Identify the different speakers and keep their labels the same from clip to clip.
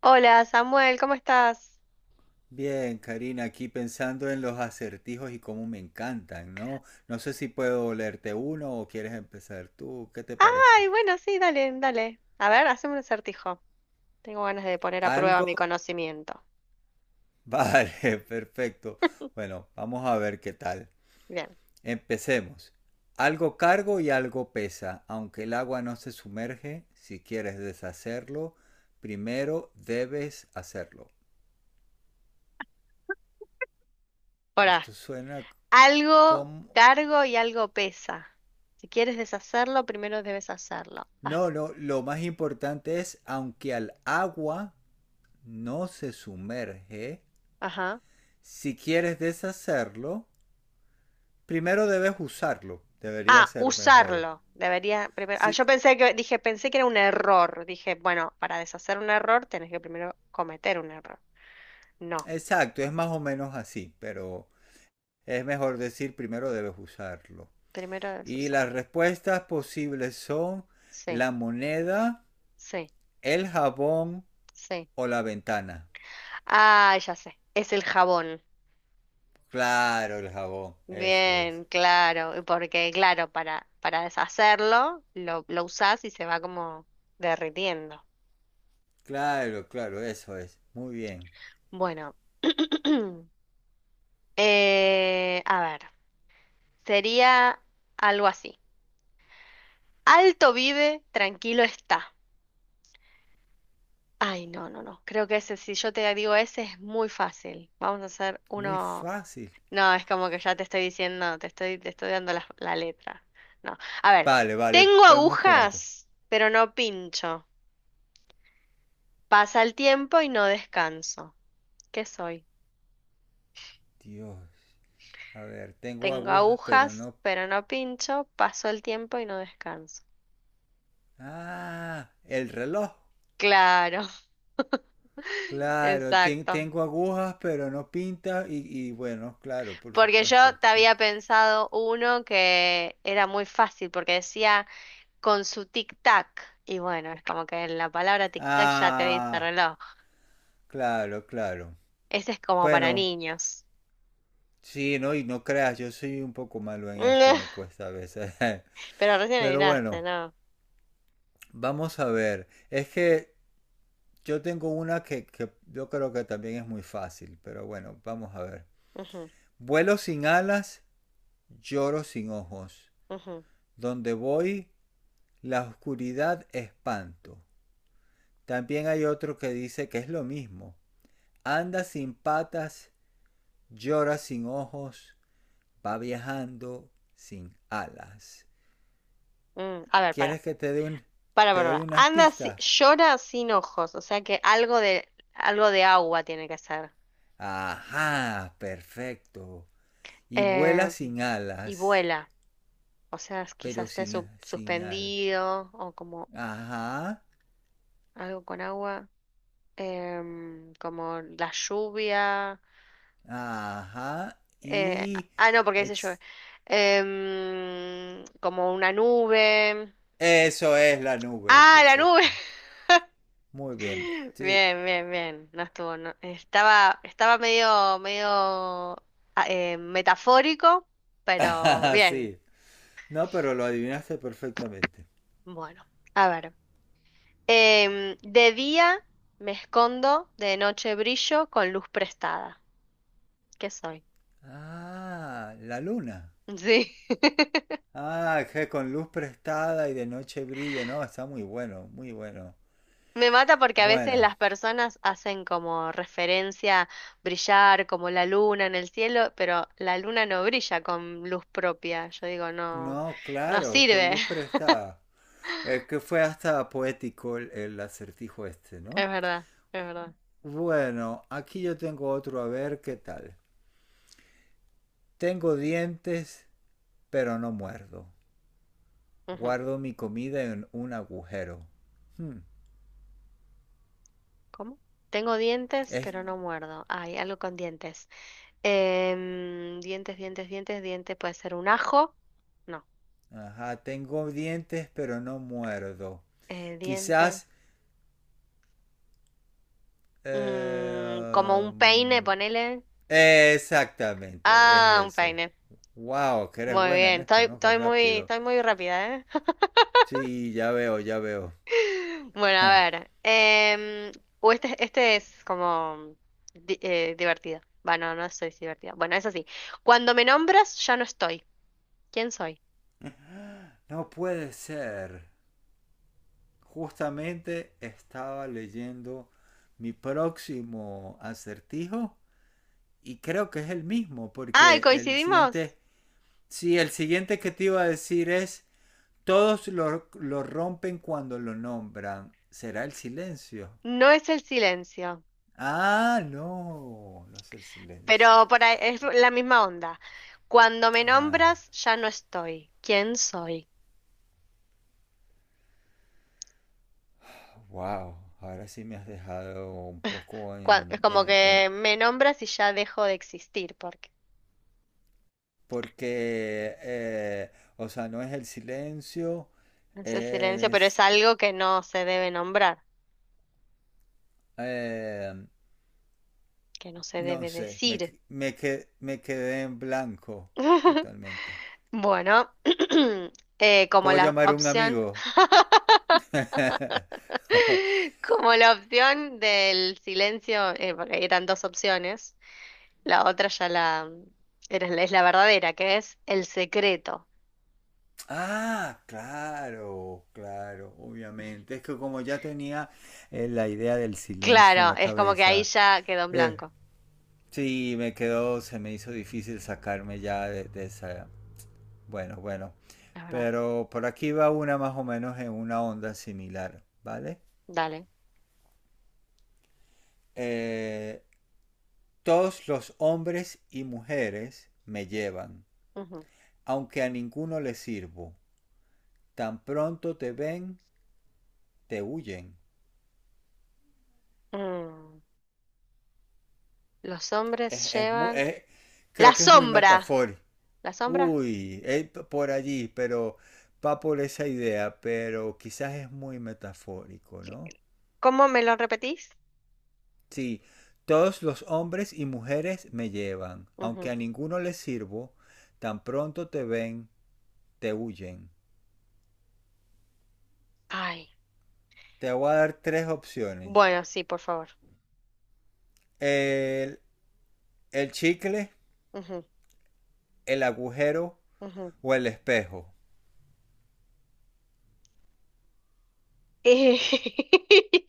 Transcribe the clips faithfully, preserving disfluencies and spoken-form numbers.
Speaker 1: Hola Samuel, ¿cómo estás?
Speaker 2: Bien, Karina, aquí pensando en los acertijos y cómo me encantan, ¿no? No sé si puedo leerte uno o quieres empezar tú, ¿qué te parece?
Speaker 1: Ay, bueno, sí, dale, dale. A ver, haceme un acertijo. Tengo ganas de poner a prueba
Speaker 2: ¿Algo?
Speaker 1: mi conocimiento.
Speaker 2: Vale, perfecto. Bueno, vamos a ver qué tal.
Speaker 1: Bien,
Speaker 2: Empecemos. Algo cargo y algo pesa, aunque el agua no se sumerge, si quieres deshacerlo, primero debes hacerlo.
Speaker 1: ahora,
Speaker 2: Esto suena
Speaker 1: algo
Speaker 2: como...
Speaker 1: cargo y algo pesa. Si quieres deshacerlo, primero debes hacerlo.
Speaker 2: No,
Speaker 1: Haz-
Speaker 2: no, lo más importante es, aunque al agua no se sumerge,
Speaker 1: Ajá.
Speaker 2: si quieres deshacerlo, primero debes usarlo. Debería
Speaker 1: Ah,
Speaker 2: ser mejor.
Speaker 1: usarlo. Debería primero. Ah, yo
Speaker 2: Sí,
Speaker 1: pensé que, dije, pensé que era un error. Dije, bueno, para deshacer un error tenés que primero cometer un error. No,
Speaker 2: exacto, es más o menos así, pero es mejor decir primero debes usarlo.
Speaker 1: primero debes
Speaker 2: Y
Speaker 1: usar.
Speaker 2: las respuestas posibles son
Speaker 1: Sí,
Speaker 2: la moneda,
Speaker 1: sí,
Speaker 2: el jabón
Speaker 1: sí.
Speaker 2: o la ventana.
Speaker 1: Ah, ya sé. Es el jabón.
Speaker 2: Claro, el jabón, eso es.
Speaker 1: Bien, claro, y porque claro, para, para deshacerlo lo, lo usás y se va como derritiendo.
Speaker 2: Claro, claro, eso es. Muy bien.
Speaker 1: Bueno, eh, a ver, sería algo así. Alto vive, tranquilo está. Ay, no, no, no, creo que ese, si yo te digo ese es muy fácil. Vamos a hacer
Speaker 2: Muy
Speaker 1: uno...
Speaker 2: fácil.
Speaker 1: No, es como que ya te estoy diciendo, te estoy, te estoy dando la, la letra. No, a ver,
Speaker 2: Vale, vale,
Speaker 1: tengo
Speaker 2: vamos con otro.
Speaker 1: agujas, pero no pincho. Pasa el tiempo y no descanso. ¿Qué soy?
Speaker 2: Dios. A ver, tengo
Speaker 1: Tengo
Speaker 2: agujas, pero
Speaker 1: agujas,
Speaker 2: no.
Speaker 1: pero no pincho. Paso el tiempo y no descanso.
Speaker 2: Ah, el reloj.
Speaker 1: Claro,
Speaker 2: Claro, ten-
Speaker 1: exacto.
Speaker 2: tengo agujas, pero no pinta. Y, y bueno, claro, por
Speaker 1: Porque
Speaker 2: supuesto.
Speaker 1: yo te había pensado uno que era muy fácil, porque decía con su tic-tac. Y bueno, es como que en la palabra tic-tac ya te dice
Speaker 2: Ah,
Speaker 1: reloj.
Speaker 2: claro, claro.
Speaker 1: Ese es como para
Speaker 2: Bueno,
Speaker 1: niños.
Speaker 2: sí, no, y no creas, yo soy un poco malo en esto, me cuesta a veces.
Speaker 1: Pero recién
Speaker 2: Pero
Speaker 1: adivinaste,
Speaker 2: bueno,
Speaker 1: ¿no?
Speaker 2: vamos a ver. Es que yo tengo una que, que yo creo que también es muy fácil, pero bueno, vamos a ver. Vuelo sin alas, lloro sin ojos,
Speaker 1: Ujú,
Speaker 2: donde voy la oscuridad espanto. También hay otro que dice que es lo mismo. Anda sin patas, llora sin ojos, va viajando sin alas.
Speaker 1: ujú, mm. A ver, para.
Speaker 2: ¿Quieres que te dé un,
Speaker 1: Para,
Speaker 2: te
Speaker 1: para,
Speaker 2: doy
Speaker 1: para.
Speaker 2: unas
Speaker 1: Anda, si-
Speaker 2: pistas?
Speaker 1: llora sin ojos, o sea que algo de, algo de agua tiene que ser.
Speaker 2: Ajá, perfecto. Y
Speaker 1: Eh,
Speaker 2: vuela sin
Speaker 1: y
Speaker 2: alas,
Speaker 1: vuela, o sea, es-
Speaker 2: pero
Speaker 1: quizás esté
Speaker 2: sin,
Speaker 1: su-
Speaker 2: sin alas.
Speaker 1: suspendido o como
Speaker 2: Ajá,
Speaker 1: algo con agua, em, como la lluvia.
Speaker 2: ajá,
Speaker 1: eh,
Speaker 2: y...
Speaker 1: ah, no, porque dice llueve.
Speaker 2: ex-
Speaker 1: Em, como una nube.
Speaker 2: Eso es la nube,
Speaker 1: Ah, la nube.
Speaker 2: perfecto. Muy bien. Sí.
Speaker 1: Bien, bien, bien. No estuvo, no- Estaba, estaba medio, medio ah, eh, metafórico, pero
Speaker 2: Ah,
Speaker 1: bien.
Speaker 2: sí. No, pero lo adivinaste perfectamente.
Speaker 1: Bueno, a ver. Em, de día me escondo, de noche brillo con luz prestada. ¿Qué soy?
Speaker 2: Ah, la luna.
Speaker 1: Sí.
Speaker 2: Ah, que con luz prestada y de noche brilla. No, está muy bueno, muy bueno.
Speaker 1: Me mata porque a veces
Speaker 2: Bueno,
Speaker 1: las personas hacen como referencia brillar como la luna en el cielo, pero la luna no brilla con luz propia. Yo digo, no,
Speaker 2: no,
Speaker 1: no
Speaker 2: claro, con
Speaker 1: sirve.
Speaker 2: luz prestada. Es que fue hasta poético el, el acertijo este,
Speaker 1: Es
Speaker 2: ¿no?
Speaker 1: verdad, es verdad.
Speaker 2: Bueno, aquí yo tengo otro, a ver qué tal. Tengo dientes, pero no muerdo.
Speaker 1: Ujú.
Speaker 2: Guardo mi comida en un agujero. Hmm,
Speaker 1: ¿Cómo? Tengo dientes,
Speaker 2: es.
Speaker 1: pero no muerdo. Hay algo con dientes. Em, dientes, dientes, dientes, dientes. Puede ser un ajo. No.
Speaker 2: Ajá, tengo dientes pero no muerdo.
Speaker 1: Eh, dientes.
Speaker 2: Quizás... eh,
Speaker 1: Mm, como un peine,
Speaker 2: um,
Speaker 1: ponele.
Speaker 2: exactamente, es
Speaker 1: Ah, un
Speaker 2: eso.
Speaker 1: peine.
Speaker 2: Wow, que eres
Speaker 1: Muy
Speaker 2: buena en
Speaker 1: bien.
Speaker 2: esto,
Speaker 1: Estoy,
Speaker 2: ¿no? Qué
Speaker 1: estoy muy,
Speaker 2: rápido.
Speaker 1: estoy muy rápida, ¿eh?
Speaker 2: Sí, ya veo, ya veo.
Speaker 1: Bueno, a ver. em, o este, este es como di- eh, divertido. Bueno, no soy divertida. Bueno, es así. Cuando me nombras, ya no estoy. ¿Quién soy?
Speaker 2: No puede ser. Justamente estaba leyendo mi próximo acertijo y creo que es el mismo
Speaker 1: Ay,
Speaker 2: porque el
Speaker 1: coincidimos.
Speaker 2: siguiente, sí, el siguiente que te iba a decir es todos lo, lo rompen cuando lo nombran. ¿Será el silencio?
Speaker 1: No es el silencio,
Speaker 2: Ah, no, no es el silencio.
Speaker 1: pero por ahí es la misma onda. Cuando me
Speaker 2: Ah,
Speaker 1: nombras, ya no estoy. ¿Quién soy?
Speaker 2: wow, ahora sí me has dejado un poco
Speaker 1: Cua- es
Speaker 2: en...
Speaker 1: como
Speaker 2: en- en-
Speaker 1: que me nombras y ya dejo de existir, porque
Speaker 2: porque, eh, o sea, no es el silencio,
Speaker 1: no es el silencio, pero es
Speaker 2: es... eh,
Speaker 1: algo que no se debe nombrar,
Speaker 2: eh,
Speaker 1: que no se
Speaker 2: no
Speaker 1: debe
Speaker 2: sé, me,
Speaker 1: decir.
Speaker 2: me, que- me quedé en blanco totalmente.
Speaker 1: Bueno, eh, como
Speaker 2: ¿Puedo
Speaker 1: la
Speaker 2: llamar a un
Speaker 1: opción,
Speaker 2: amigo? Oh,
Speaker 1: como la opción del silencio, eh, porque eran dos opciones. La otra ya la era- es la verdadera, que es El secreto.
Speaker 2: ah, claro, claro, obviamente. Es que como ya tenía eh, la idea del silencio en
Speaker 1: Claro,
Speaker 2: la
Speaker 1: es como que ahí
Speaker 2: cabeza,
Speaker 1: ya quedó en
Speaker 2: eh,
Speaker 1: blanco.
Speaker 2: sí, me quedó, se me hizo difícil sacarme ya de, de esa... Bueno, bueno.
Speaker 1: Es verdad.
Speaker 2: Pero por aquí va una más o menos en una onda similar, ¿vale?
Speaker 1: Dale.
Speaker 2: Eh, todos los hombres y mujeres me llevan,
Speaker 1: Ujú.
Speaker 2: aunque a ninguno les sirvo. Tan pronto te ven, te huyen.
Speaker 1: Mm. Los
Speaker 2: Es,
Speaker 1: hombres
Speaker 2: es mu-
Speaker 1: llevan
Speaker 2: es-
Speaker 1: la
Speaker 2: creo que es muy
Speaker 1: sombra.
Speaker 2: metafórico.
Speaker 1: ¿La sombra?
Speaker 2: Uy, él p- por allí, pero va por esa idea, pero quizás es muy metafórico, ¿no?
Speaker 1: ¿Cómo me lo repetís?
Speaker 2: Sí, todos los hombres y mujeres me llevan,
Speaker 1: Ujú.
Speaker 2: aunque a ninguno les sirvo, tan pronto te ven, te huyen.
Speaker 1: Ay.
Speaker 2: Te voy a dar tres opciones.
Speaker 1: Bueno, sí, por favor.
Speaker 2: El, el chicle,
Speaker 1: Ujú,
Speaker 2: el agujero
Speaker 1: ujú.
Speaker 2: o el espejo.
Speaker 1: Eh,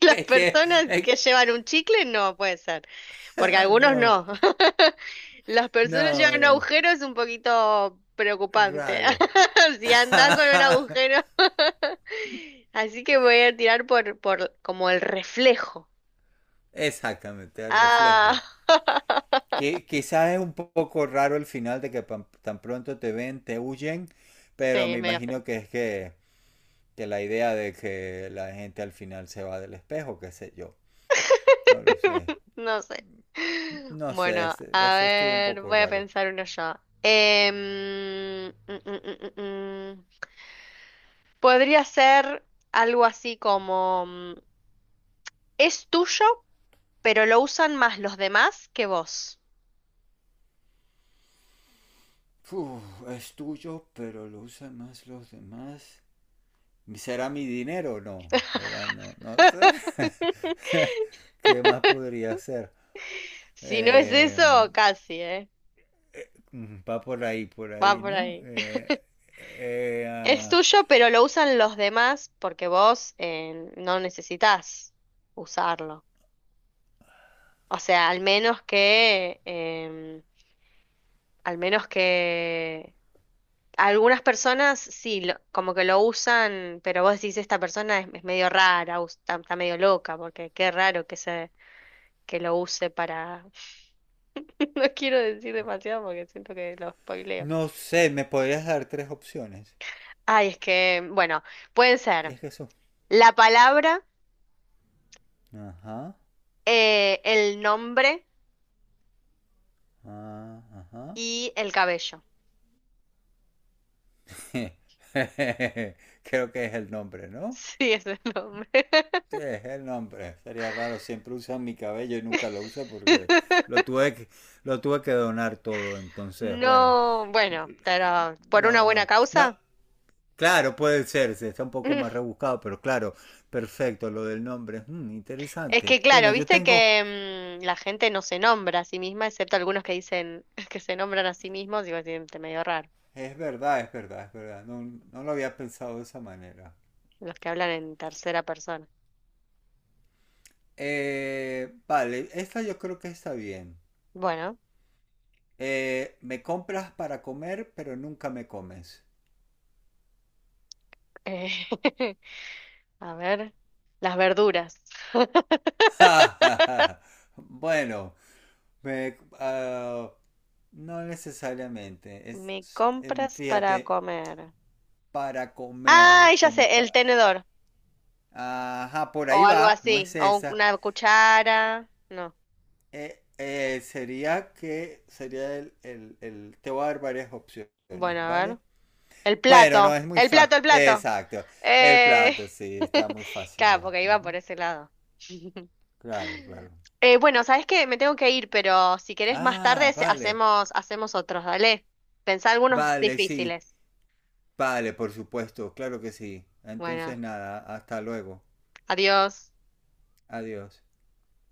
Speaker 1: las
Speaker 2: Es que...
Speaker 1: personas
Speaker 2: es-
Speaker 1: que llevan un chicle no puede ser, porque algunos
Speaker 2: no,
Speaker 1: no. Las personas
Speaker 2: no,
Speaker 1: llevan
Speaker 2: no.
Speaker 1: agujero es un poquito preocupante.
Speaker 2: Raro.
Speaker 1: Si andas con un agujero. Así que voy a tirar por, por como el reflejo.
Speaker 2: Exactamente, el
Speaker 1: Ah.
Speaker 2: reflejo. Que quizás es un poco raro el final de que pan- tan pronto te ven, te huyen, pero
Speaker 1: Sí,
Speaker 2: me
Speaker 1: medio feo.
Speaker 2: imagino que es que, que la idea de que la gente al final se va del espejo, qué sé yo. No lo sé.
Speaker 1: No sé.
Speaker 2: No sé,
Speaker 1: Bueno,
Speaker 2: ese,
Speaker 1: a
Speaker 2: ese estuvo un
Speaker 1: ver,
Speaker 2: poco
Speaker 1: voy a
Speaker 2: raro.
Speaker 1: pensar uno yo. Em, mm, mm, mm, mm, mm. Podría ser algo así como mm, es tuyo, pero lo usan más los demás que vos.
Speaker 2: Uf, es tuyo, pero lo usan más los demás. ¿Será mi dinero? No, ¿verdad? No, no sé. ¿Qué más podría ser?
Speaker 1: Si no es
Speaker 2: Eh,
Speaker 1: eso, casi, ¿eh?
Speaker 2: Mm, Va por ahí, por
Speaker 1: Va
Speaker 2: ahí,
Speaker 1: por
Speaker 2: ¿no?
Speaker 1: ahí.
Speaker 2: Eh, eh,
Speaker 1: Es
Speaker 2: ah,
Speaker 1: tuyo, pero lo usan los demás porque vos eh, no necesitas usarlo. O sea, al menos que, em, al menos que algunas personas sí, lo- como que lo usan, pero vos decís, esta persona es, es medio rara, us- está, está medio loca, porque qué raro que se, que lo use para... No quiero decir demasiado porque siento que lo spoileo.
Speaker 2: no sé, ¿me podrías dar tres opciones?
Speaker 1: Ay, es que, bueno, pueden ser
Speaker 2: Es que eso.
Speaker 1: la palabra,
Speaker 2: Ajá,
Speaker 1: eh, el nombre
Speaker 2: ah, ajá.
Speaker 1: y el cabello.
Speaker 2: Creo que es el nombre, ¿no?
Speaker 1: Sí, es el nombre.
Speaker 2: Sí, es el nombre. Sería raro, siempre usan mi cabello y nunca lo usa porque lo tuve que, lo tuve que donar todo, entonces, bueno.
Speaker 1: No, bueno, pero por una
Speaker 2: No,
Speaker 1: buena
Speaker 2: no. No,
Speaker 1: causa.
Speaker 2: claro, puede ser, se está un poco más rebuscado, pero claro, perfecto, lo del nombre. Mm,
Speaker 1: Es
Speaker 2: interesante.
Speaker 1: que,
Speaker 2: Bueno,
Speaker 1: claro,
Speaker 2: yo
Speaker 1: viste
Speaker 2: tengo.
Speaker 1: que mm, la gente no se nombra a sí misma, excepto algunos que dicen que se nombran a sí mismos, digo, siente medio raro,
Speaker 2: Es verdad, es verdad, es verdad. No, no lo había pensado de esa manera.
Speaker 1: los que hablan en tercera persona.
Speaker 2: Eh, vale, esta yo creo que está bien.
Speaker 1: Bueno,
Speaker 2: Eh, me compras para comer, pero nunca me comes.
Speaker 1: eh, a ver, las verduras.
Speaker 2: Ja, ja, ja. Bueno, me- ah, no necesariamente. Es,
Speaker 1: Me
Speaker 2: em,
Speaker 1: compras para
Speaker 2: fíjate,
Speaker 1: comer.
Speaker 2: para comer,
Speaker 1: Ay, ya
Speaker 2: como
Speaker 1: sé, el
Speaker 2: pa-
Speaker 1: tenedor.
Speaker 2: Ajá, por
Speaker 1: O
Speaker 2: ahí
Speaker 1: algo
Speaker 2: va, no
Speaker 1: así.
Speaker 2: es
Speaker 1: O un-
Speaker 2: esa.
Speaker 1: una cuchara. No.
Speaker 2: Eh, eh, sería que sería el, el, el- te voy a dar varias opciones,
Speaker 1: Bueno, a ver.
Speaker 2: ¿vale?
Speaker 1: El
Speaker 2: Bueno, no
Speaker 1: plato.
Speaker 2: es muy
Speaker 1: El
Speaker 2: fácil.
Speaker 1: plato, el plato.
Speaker 2: Exacto. El
Speaker 1: Eh...
Speaker 2: plato, sí, está muy fácil
Speaker 1: Claro,
Speaker 2: ya.
Speaker 1: porque iba
Speaker 2: Ujú.
Speaker 1: por ese lado.
Speaker 2: Claro, claro.
Speaker 1: Eh, bueno, sabes que me tengo que ir, pero si querés más tarde
Speaker 2: Ah,
Speaker 1: se-
Speaker 2: vale.
Speaker 1: hacemos, hacemos otros, dale. Pensá algunos
Speaker 2: Vale, sí.
Speaker 1: difíciles.
Speaker 2: Vale, por supuesto, claro que sí. Entonces
Speaker 1: Bueno,
Speaker 2: nada, hasta luego.
Speaker 1: adiós.
Speaker 2: Adiós.